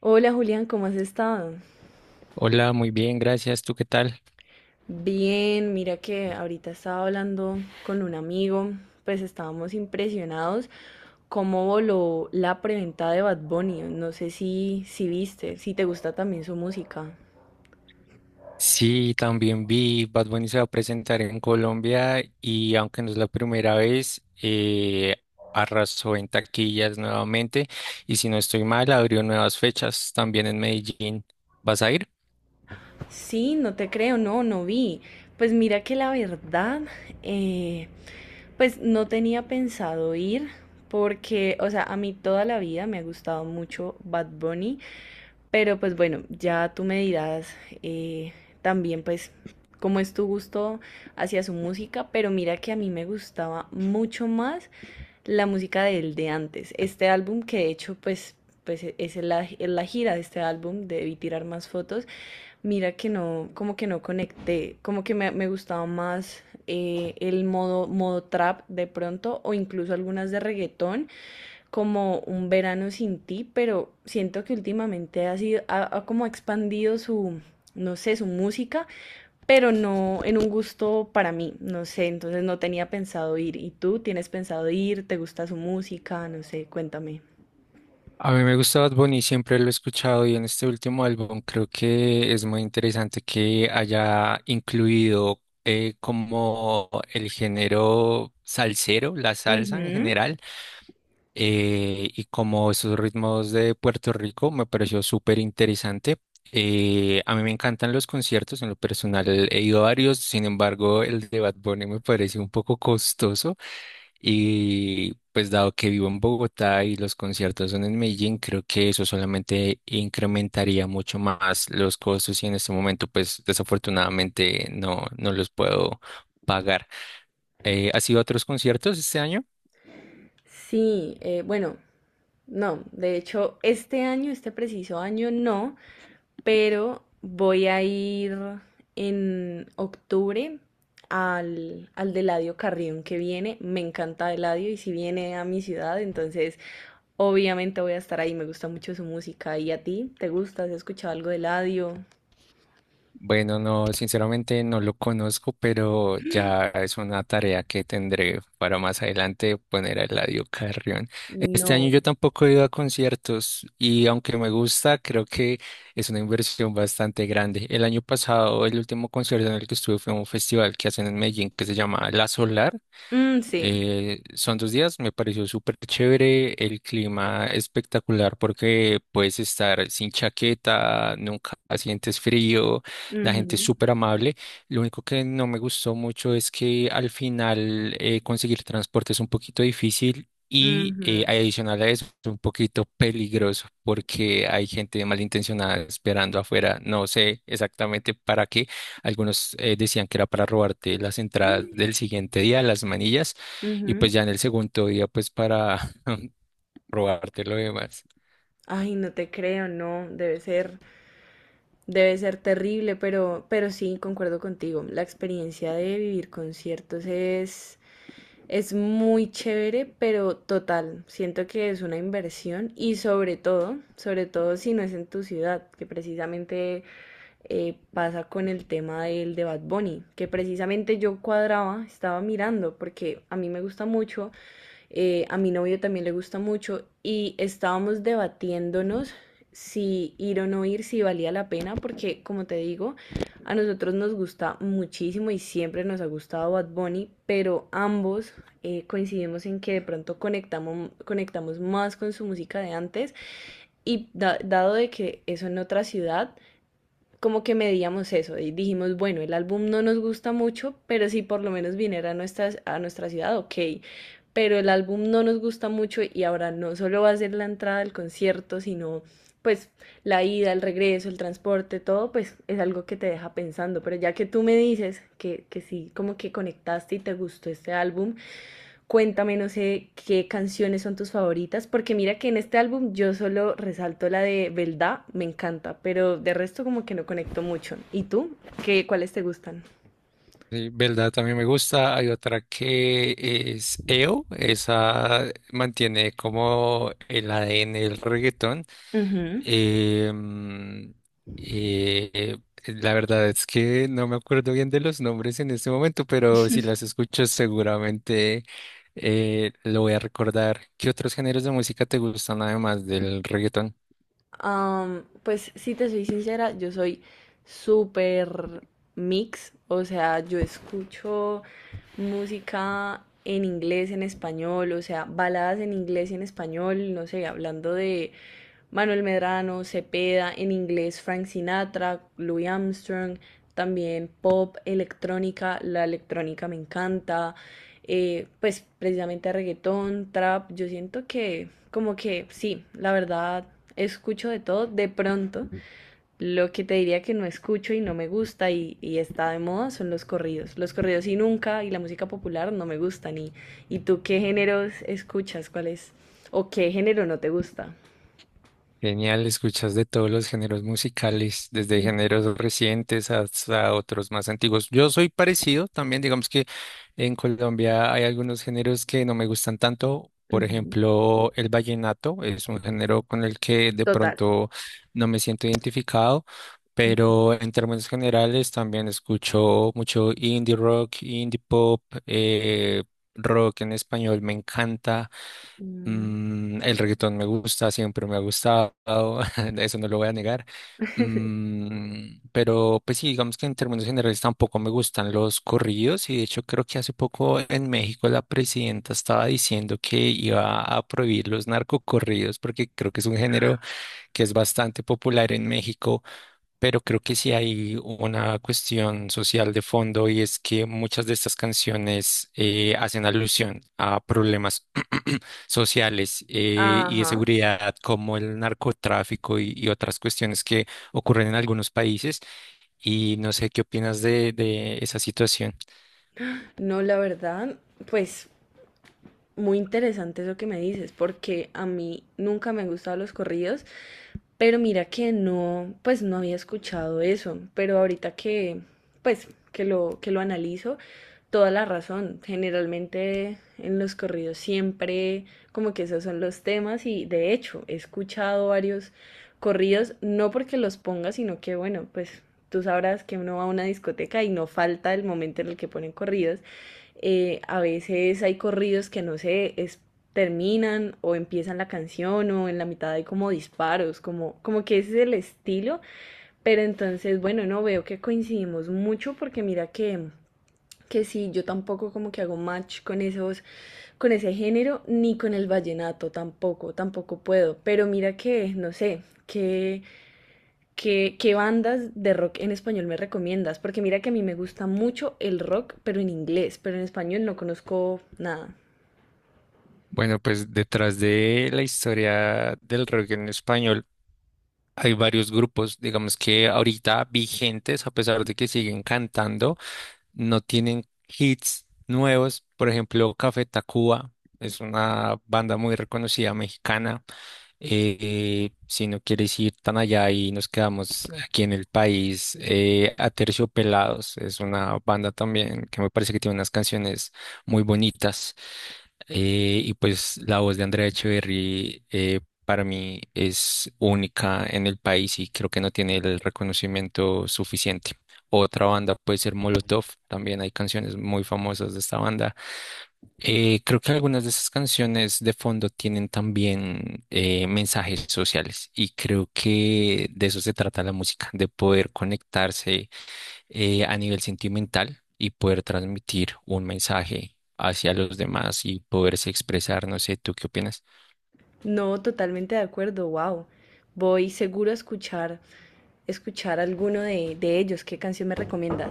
Hola Julián, ¿cómo has estado? Hola, muy bien, gracias. ¿Tú qué tal? Bien, mira que ahorita estaba hablando con un amigo, pues estábamos impresionados cómo voló la preventa de Bad Bunny. No sé si viste, si te gusta también su música. Sí, también vi Bad Bunny se va a presentar en Colombia y aunque no es la primera vez, arrasó en taquillas nuevamente y si no estoy mal, abrió nuevas fechas también en Medellín. ¿Vas a ir? Sí, no te creo, no, no vi. Pues mira que la verdad, eh, pues no tenía pensado ir porque, o sea, a mí toda la vida me ha gustado mucho Bad Bunny, pero pues bueno, ya tú me dirás, eh, también pues cómo es tu gusto hacia su música, pero mira que a mí me gustaba mucho más la música del de antes. Este álbum que de hecho pues, es la, en la gira de este álbum, debí tirar más fotos. Mira que no, como que no conecté, como que me gustaba más, el modo trap de pronto o incluso algunas de reggaetón como un verano sin ti, pero siento que últimamente ha sido, ha como expandido su, no sé, su música, pero no en un gusto para mí, no sé, entonces no tenía pensado ir. ¿Y tú tienes pensado ir? ¿Te gusta su música? No sé, cuéntame. A mí me gusta Bad Bunny, siempre lo he escuchado y en este último álbum creo que es muy interesante que haya incluido como el género salsero, la salsa en Ujú. general, y como esos ritmos de Puerto Rico me pareció súper interesante. A mí me encantan los conciertos, en lo personal he ido a varios, sin embargo el de Bad Bunny me parece un poco costoso y pues dado que vivo en Bogotá y los conciertos son en Medellín, creo que eso solamente incrementaría mucho más los costos y en este momento pues desafortunadamente no, no los puedo pagar. ¿Has ido a otros conciertos este año? Sí, bueno, no, de hecho, este año, este preciso año, no, pero voy a ir en octubre al de Eladio Carrión que viene. Me encanta Eladio y si viene a mi ciudad, entonces obviamente voy a estar ahí. Me gusta mucho su música. ¿Y a ti? ¿Te gusta? ¿Has escuchado algo de Eladio? Bueno, no, sinceramente no lo conozco, pero ya es una tarea que tendré para más adelante poner a Eladio Carrión. Este año No. yo tampoco he ido a conciertos y aunque me gusta, creo que es una inversión bastante grande. El año pasado, el último concierto en el que estuve fue un festival que hacen en Medellín que se llama La Solar, Mm, sí. Son dos días, me pareció súper chévere, el clima espectacular porque puedes estar sin chaqueta, nunca sientes frío, la gente es Ujú, súper amable. Lo único que no me gustó mucho es que al final, conseguir transporte es un poquito difícil. Y, ujú, adicional a eso, es un poquito peligroso porque hay gente malintencionada esperando afuera. No sé exactamente para qué. Algunos, decían que era para robarte las entradas del siguiente día, las manillas, y ujú. pues ya en el segundo día pues para probarte lo demás. Ay, no te creo, no, debe ser terrible, pero sí, concuerdo contigo. La experiencia de vivir conciertos es muy chévere, pero total, siento que es una inversión y sobre todo si no es en tu ciudad, que precisamente, pasa con el tema del de Bad Bunny, que precisamente yo cuadraba, estaba mirando, porque a mí me gusta mucho, a mi novio también le gusta mucho y estábamos debatiéndonos si ir o no ir, si valía la pena, porque como te digo, a nosotros nos gusta muchísimo y siempre nos ha gustado Bad Bunny, pero ambos, coincidimos en que de pronto conectamos, conectamos más con su música de antes y dado de que eso en otra ciudad, como que medíamos eso y dijimos, bueno, el álbum no nos gusta mucho, pero si por lo menos viniera a nuestra ciudad, ok. Pero el álbum no nos gusta mucho y ahora no solo va a ser la entrada al concierto, sino pues la ida, el regreso, el transporte, todo, pues es algo que te deja pensando. Pero ya que tú me dices que sí, como que conectaste y te gustó este álbum, cuéntame, no sé qué canciones son tus favoritas, porque mira que en este álbum yo solo resalto la de Belda, me encanta, pero de resto como que no conecto mucho. ¿Y tú? ¿Qué, cuáles te gustan? Sí, verdad, también me gusta. Hay otra que es EO, esa mantiene como el ADN del reggaetón. Ujú. Em, eh, la verdad es que no me acuerdo bien de los nombres en este momento, pero si las escuchas seguramente, lo voy a recordar. ¿Qué otros géneros de música te gustan además del reggaetón? Am, pues si te soy sincera, yo soy súper mix, o sea, yo escucho música en inglés, en español, o sea, baladas en inglés y en español, no sé, hablando de Manuel Medrano, Cepeda, en inglés Frank Sinatra, Louis Armstrong, también pop, electrónica, la electrónica me encanta, pues precisamente reggaetón, trap, yo siento que como que sí, la verdad escucho de todo, de pronto lo que te diría que no escucho y no me gusta y está de moda son los corridos y nunca y la música popular no me gustan. Y tú qué géneros escuchas, cuál es o qué género no te gusta. Genial, escuchas de todos los géneros musicales, desde géneros recientes hasta otros más antiguos. Yo soy parecido también, digamos que en Colombia hay algunos géneros que no me gustan tanto. Por Ujú, ejemplo, el vallenato es un género con el que de total. pronto no me siento identificado, pero en términos generales también escucho mucho indie rock, indie pop, rock en español me encanta. Ujú. Mm, el reggaetón me gusta, siempre me ha gustado, eso no lo voy a negar. Mm, pero pues sí, digamos que en términos generales tampoco me gustan los corridos y de hecho creo que hace poco en México la presidenta estaba diciendo que iba a prohibir los narcocorridos porque creo que es un género que es bastante popular en México, pero creo que sí hay una cuestión social de fondo y es que muchas de estas canciones hacen alusión a problemas sociales, y de Ajá. seguridad como el narcotráfico y otras cuestiones que ocurren en algunos países. Y no sé qué opinas de esa situación. No, la verdad, pues muy interesante eso que me dices, porque a mí nunca me han gustado los corridos. Pero mira que no, pues no había escuchado eso, pero ahorita pues, que lo analizo, toda la razón. Generalmente en los corridos siempre como que esos son los temas y de hecho he escuchado varios corridos, no porque los ponga, sino que bueno, pues tú sabrás que uno va a una discoteca y no falta el momento en el que ponen corridos, a veces hay corridos que no sé, terminan o empiezan la canción o en la mitad hay como disparos, como, como que ese es el estilo. Pero entonces, bueno, no veo que coincidimos mucho porque mira que sí, yo tampoco como que hago match con esos, con ese género, ni con el vallenato tampoco, tampoco puedo. Pero mira que, no sé, que ¿qué, qué bandas de rock en español me recomiendas? Porque mira que a mí me gusta mucho el rock, pero en inglés, pero en español no conozco nada. Bueno, pues detrás de la historia del rock en español hay varios grupos, digamos que ahorita vigentes, a pesar de que siguen cantando, no tienen hits nuevos. Por ejemplo, Café Tacuba es una banda muy reconocida mexicana. Si no quieres ir tan allá y nos quedamos aquí en el país, Aterciopelados es una banda también que me parece que tiene unas canciones muy bonitas. Y pues la voz de Andrea Echeverry, para mí es única en el país y creo que no tiene el reconocimiento suficiente. Otra banda puede ser Molotov, también hay canciones muy famosas de esta banda. Creo que algunas de esas canciones de fondo tienen también, mensajes sociales y creo que de eso se trata la música, de poder conectarse, a nivel sentimental y poder transmitir un mensaje hacia los demás y poderse expresar, no sé, ¿tú qué opinas? No, totalmente de acuerdo, wow. Voy seguro a escuchar, escuchar alguno de ellos. ¿Qué canción me recomiendas?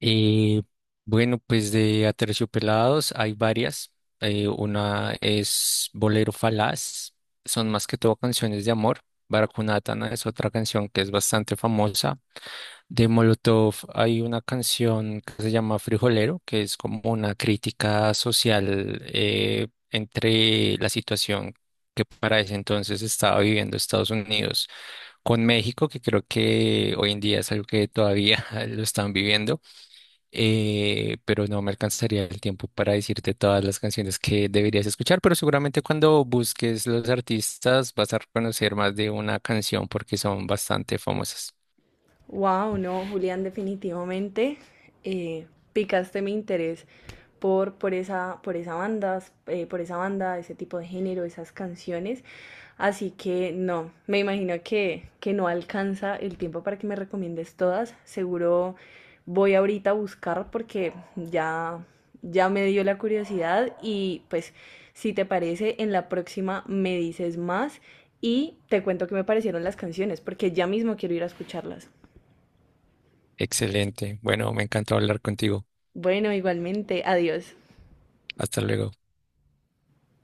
Eh, bueno, pues de Aterciopelados hay varias. Una es Bolero Falaz, son más que todo canciones de amor. Baracunatana es otra canción que es bastante famosa. De Molotov hay una canción que se llama Frijolero, que es como una crítica social, entre la situación que para ese entonces estaba viviendo Estados Unidos con México, que creo que hoy en día es algo que todavía lo están viviendo, pero no me alcanzaría el tiempo para decirte todas las canciones que deberías escuchar, pero seguramente cuando busques los artistas vas a reconocer más de una canción porque son bastante famosas. Wow, no, Julián, definitivamente, eh, picaste mi interés por, por esa, por esa banda, por esa banda, ese tipo de género, esas canciones. Así que no, me imagino que no alcanza el tiempo para que me recomiendes todas. Seguro voy ahorita a buscar porque ya, ya me dio la curiosidad y pues si te parece, en la próxima me dices más y te cuento qué me parecieron las canciones porque ya mismo quiero ir a escucharlas. Excelente. Bueno, me encantó hablar contigo. Bueno, igualmente, adiós. Hasta luego.